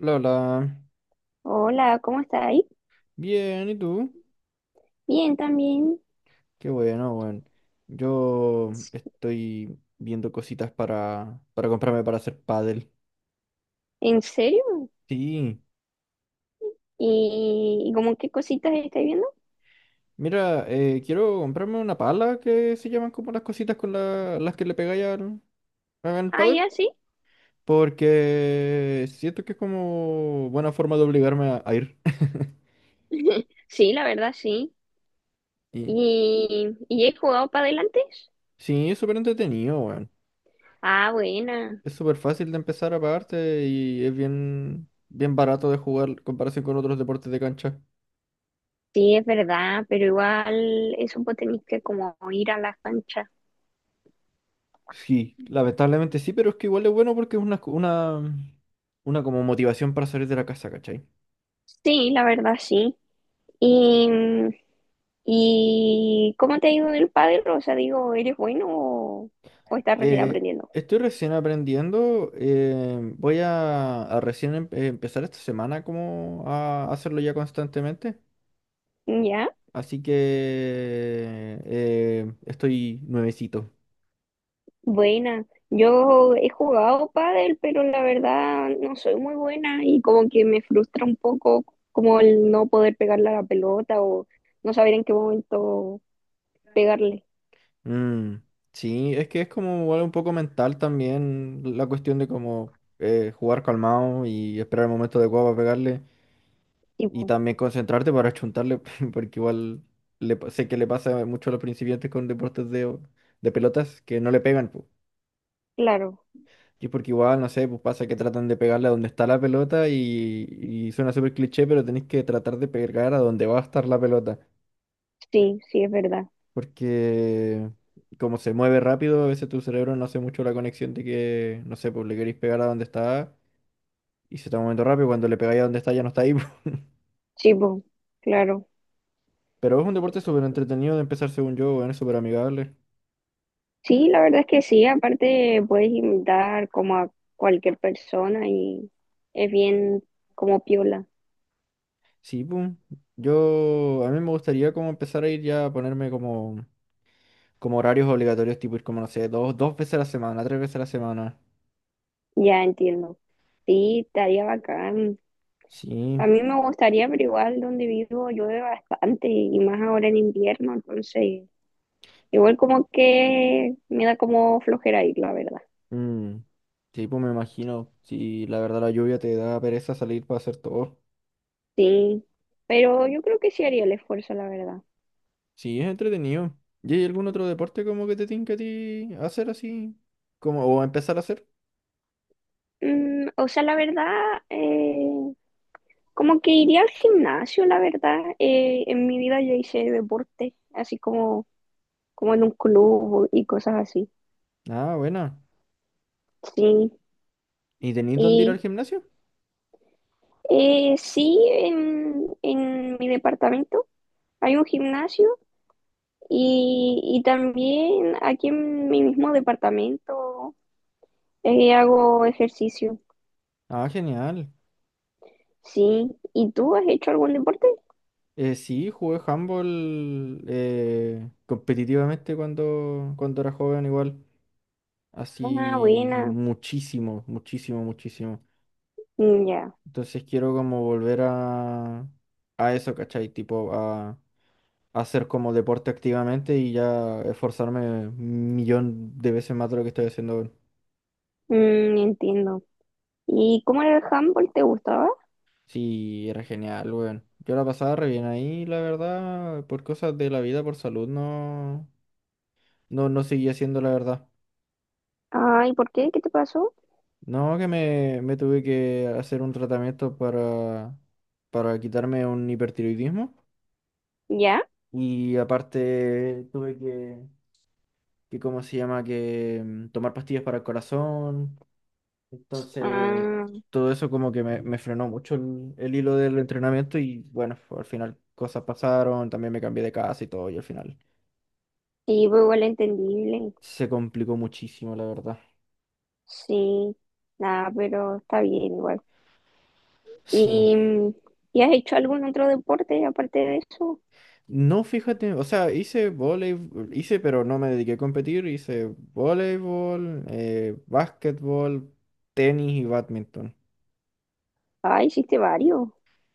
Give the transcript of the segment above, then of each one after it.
La hola. Hola, ¿cómo está ahí? Bien, ¿y tú? Bien, también. Qué bueno, bueno. Yo estoy viendo cositas para comprarme para hacer pádel. ¿En serio? Sí. ¿Y, como qué cositas estáis viendo? Mira, quiero comprarme una pala que se llaman como las cositas con las que le pegáis al Ah, pádel. ya, sí. Porque siento que es como buena forma de obligarme a ir. Sí, la verdad, sí. Y ¿Y, he jugado para adelante? sí, es súper entretenido, weón. Ah, buena. Es súper fácil de empezar aparte y es bien barato de jugar en comparación con otros deportes de cancha. Sí, es verdad, pero igual eso vos tenéis que como ir a la cancha. Sí, lamentablemente sí, pero es que igual es bueno porque es una como motivación para salir de la casa, ¿cachai? Sí, la verdad, sí. ¿Y, ¿Y cómo te ha ido el pádel? O sea, digo, ¿eres bueno o estás recién Eh, aprendiendo? estoy recién aprendiendo, voy a recién empezar esta semana como a hacerlo ya constantemente, ¿Ya? así que estoy nuevecito. Buena, yo he jugado pádel, pero la verdad no soy muy buena y como que me frustra un poco como el no poder pegarle a la pelota o no saber en qué momento pegarle. Mm, sí, es que es como igual un poco mental también la cuestión de como jugar calmado y esperar el momento adecuado para pegarle. Y Tipo, también concentrarte para chuntarle, porque igual sé que le pasa mucho a los principiantes con deportes de pelotas que no le pegan, pues. claro, Y es porque igual, no sé, pues pasa que tratan de pegarle a donde está la pelota y suena súper cliché, pero tenés que tratar de pegar a donde va a estar la pelota. sí, sí es verdad. Porque como se mueve rápido, a veces tu cerebro no hace mucho la conexión de que, no sé, pues le queréis pegar a donde está y se está moviendo rápido, cuando le pegáis a donde está ya no está ahí. po. Sí, po, claro. Pero es un deporte súper entretenido de empezar según yo, bueno, es súper amigable. Sí, la verdad es que sí, aparte puedes imitar como a cualquier persona y es bien como piola. Sí, pum. A mí me gustaría como empezar a ir ya a ponerme como, como horarios obligatorios, tipo ir como, no sé, dos veces a la semana, tres veces a la semana. Ya entiendo. Sí, estaría bacán. Sí, A mí me gustaría, pero igual donde vivo llueve bastante y más ahora en invierno, entonces igual como que me da como flojera ir, la verdad. mm, sí, pues me imagino. Si la verdad la lluvia te da pereza salir para hacer todo. Sí, pero yo creo que sí haría el esfuerzo, la verdad. Sí, es entretenido. ¿Y hay algún otro deporte como que te tinca a ti hacer así? Como, o empezar a hacer. Mm, o sea, la verdad, eh, como que iría al gimnasio, la verdad. En mi vida yo hice deporte, así como, como en un club y cosas así. Ah, buena. Sí, ¿Y tenéis dónde ir al y gimnasio? Sí, en mi departamento hay un gimnasio. Y también aquí en mi mismo departamento hago ejercicio. Ah, genial. Sí, ¿y tú has hecho algún deporte? Sí, jugué handball competitivamente cuando era joven igual, Ah, así buena. Muchísimo. Mm. Ya. Entonces quiero como volver a eso, ¿cachai? Tipo a hacer como deporte activamente y ya esforzarme un millón de veces más de lo que estoy haciendo ahora. Mm, entiendo. ¿Y cómo era el handball? ¿Te gustaba? Sí, era genial, weón. Yo la pasaba re bien ahí, la verdad, por cosas de la vida, por salud, no seguía haciendo la verdad. Ah, ¿y por qué? ¿Qué te pasó? No, que me tuve que hacer un tratamiento para quitarme un hipertiroidismo. ¿Ya? Y aparte tuve que, ¿cómo se llama? Que tomar pastillas para el corazón. Entonces, Ah, todo eso como que me frenó mucho el hilo del entrenamiento y bueno, al final cosas pasaron, también me cambié de casa y todo y al final sí, pues igual entendible. se complicó muchísimo, la verdad. Sí, nada, pero está bien igual. Sí. ¿Y, mm, ¿y has hecho algún otro deporte aparte de eso? No, fíjate, o sea, hice voleibol, hice, pero no me dediqué a competir, hice voleibol, básquetbol, tenis y bádminton. Ah, hiciste varios.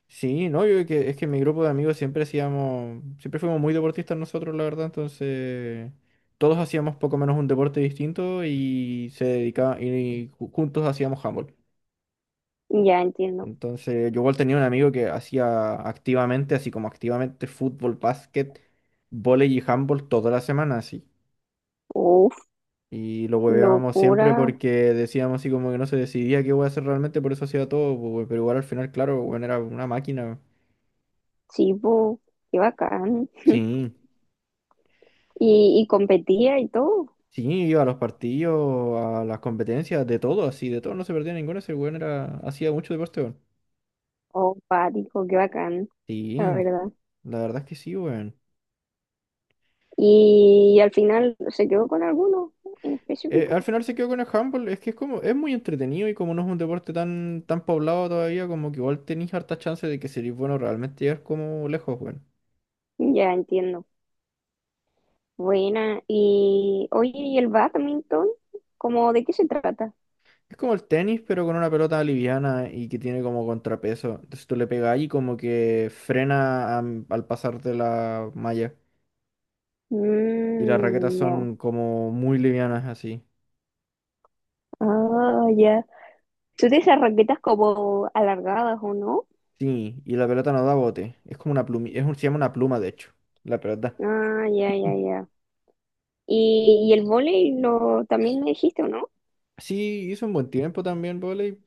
Sí, no, yo que, es que mi grupo de amigos siempre hacíamos, siempre fuimos muy deportistas nosotros, la verdad, entonces todos hacíamos poco menos un deporte distinto y se dedicaba, y juntos hacíamos handball. Ya entiendo. Entonces, yo igual tenía un amigo que hacía activamente, así como activamente fútbol, básquet, vóley y handball toda la semana, así. Y lo hueveábamos siempre Locura, porque decíamos así como que no se decidía qué voy a hacer realmente, por eso hacía todo, pues, güey, pero igual al final, claro, bueno, era una máquina, weón. chivo, qué bacán. Sí, Y competía y todo. sí, iba a los partidos, a las competencias, de todo, así, de todo, no se perdía ninguno, ese weón era, hacía mucho deporte, weón. Oh, pático, qué bacán, Sí, la verdad. la verdad es que sí, weón. Y, al final se quedó con alguno en específico. Al final se quedó con el handball, es que es como, es muy entretenido y como no es un deporte tan poblado todavía, como que igual tenéis harta chance de que seréis bueno realmente llegar como lejos, weón. Ya entiendo. Buena. Y oye, ¿y el badminton? ¿Cómo de qué se trata? Es como el tenis, pero con una pelota liviana y que tiene como contrapeso. Entonces tú le pegas y como que frena al pasarte la malla. Y las raquetas Mm, ya. son como muy livianas así. Ah, ya. ¿Tú tienes esas raquetas como alargadas o no? Sí, y la pelota no da bote. Es como una pluma, es un, se llama una pluma de hecho, la pelota. Ah, ya, ya, Mm. ya. ¿Y, el vóley lo también me dijiste o no? Sí, hizo un buen tiempo también vóley,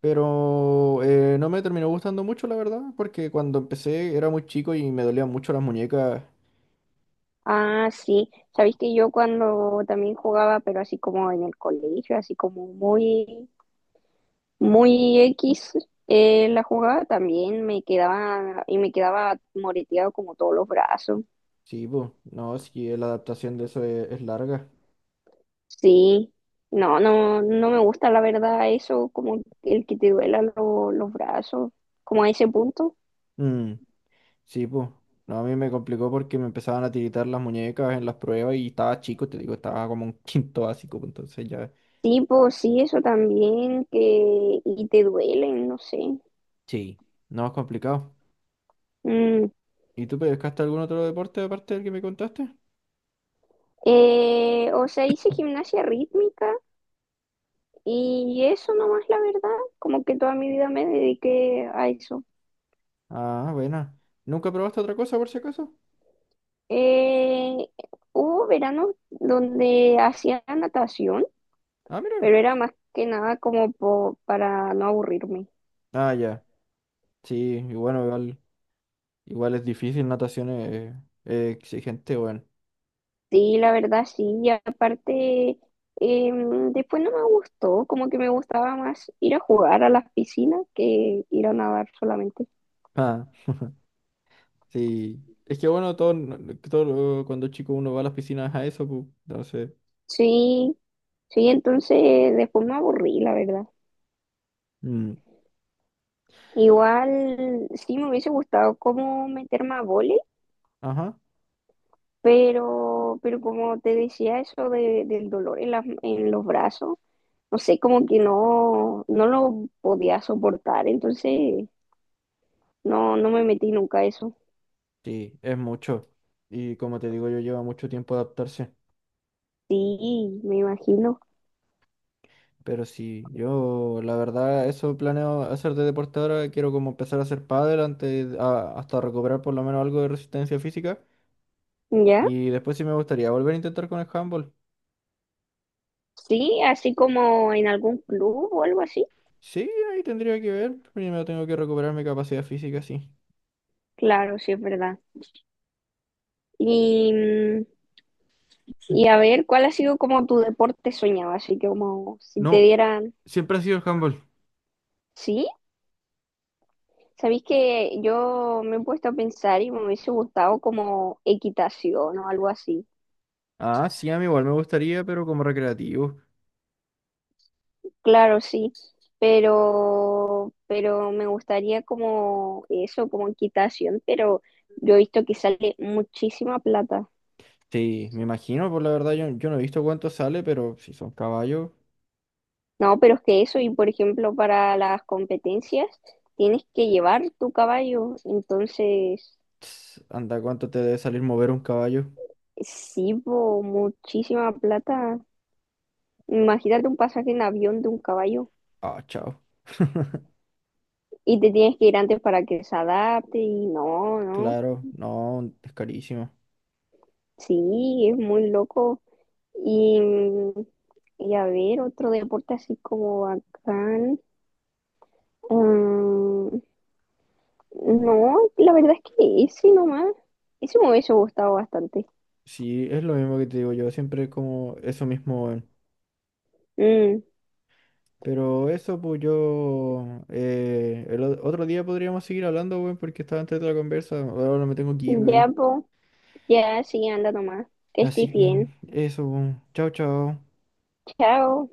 pero no me terminó gustando mucho, la verdad, porque cuando empecé era muy chico y me dolían mucho las muñecas. Ah, sí. Sabéis que yo cuando también jugaba, pero así como en el colegio, así como muy, muy X, la jugaba también me quedaba y me quedaba moreteado como todos los brazos. Sí, pues, no, sí, la adaptación de eso es larga. Sí. No, no, no me gusta la verdad eso, como el que te duela los brazos, como a ese punto. Mm. Sí, pues. No, a mí me complicó porque me empezaban a tiritar las muñecas en las pruebas y estaba chico, te digo, estaba como un quinto básico, pues, entonces ya. Sí, pues sí, eso también, que y te duelen, no sé. Sí, no es complicado. Mm. ¿Y tú pescaste algún otro deporte aparte del que me contaste? O sea, hice gimnasia rítmica. Y eso nomás, la verdad, como que toda mi vida me dediqué a eso. Ah, buena. ¿Nunca probaste otra cosa por si acaso? Eh, Hubo veranos donde hacía natación, Ah, mira. pero era más que nada como para no aburrirme. Ah, ya. Sí, y bueno, igual, igual es difícil, natación es exigente, bueno. Sí, la verdad, sí. Y aparte, después no me gustó, como que me gustaba más ir a jugar a las piscinas que ir a nadar solamente. Ah, sí. Es que bueno, todo, todo cuando chico uno va a las piscinas a eso, pues, entonces. Sí, sí, entonces después me aburrí, la verdad. mm, Igual sí me hubiese gustado como meterme a vóley. Ajá. Pero como te decía, eso de, del dolor en las, en los brazos, no sé, como que no, no lo podía soportar, entonces no, no me metí nunca a eso. Sí, es mucho. Y como te digo, yo lleva mucho tiempo adaptarse. Sí, me imagino. Pero sí, yo la verdad, eso planeo hacer de deporte ahora. Quiero como empezar a hacer pádel antes, hasta recuperar por lo menos algo de resistencia física. ¿Ya? Y después sí me gustaría volver a intentar con el handball. Sí, así como en algún club o algo así. Sí, ahí tendría que ver. Primero tengo que recuperar mi capacidad física, sí. Claro, sí es verdad. Y, mm, Mm. y a ver, ¿cuál ha sido como tu deporte soñado? Así que como si te No, dieran, siempre ha sido el handball. ¿sí? Sabéis que yo me he puesto a pensar y me hubiese gustado como equitación o algo así. Ah, sí, a mí igual me gustaría, pero como recreativo. Claro, sí, pero me gustaría como eso, como equitación, pero yo he visto que sale muchísima plata. Sí, me imagino, pues la verdad yo no he visto cuánto sale, pero si son caballos. No, pero es que eso, y por ejemplo, para las competencias tienes que llevar tu caballo, entonces Ts, anda, ¿cuánto te debe salir mover un caballo? sí, po, muchísima plata. Imagínate un pasaje en avión de un caballo. Ah, chao. Y te tienes que ir antes para que se adapte y no, no. Claro, no, es carísimo. Sí, es muy loco. Y, y a ver, otro deporte así como bacán. Mm, no, la verdad es que ese nomás. Ese me hubiese gustado bastante. Sí, es lo mismo que te digo yo, siempre es como eso mismo, weón. Mm, Pero eso, pues yo... el otro día podríamos seguir hablando, weón, porque estaba antes de la conversa. Ahora me tengo que ir, ya, weón. po, ya, sí, anda nomás. Que Así estés que bien. eso, weón. Chao, chao. Chao.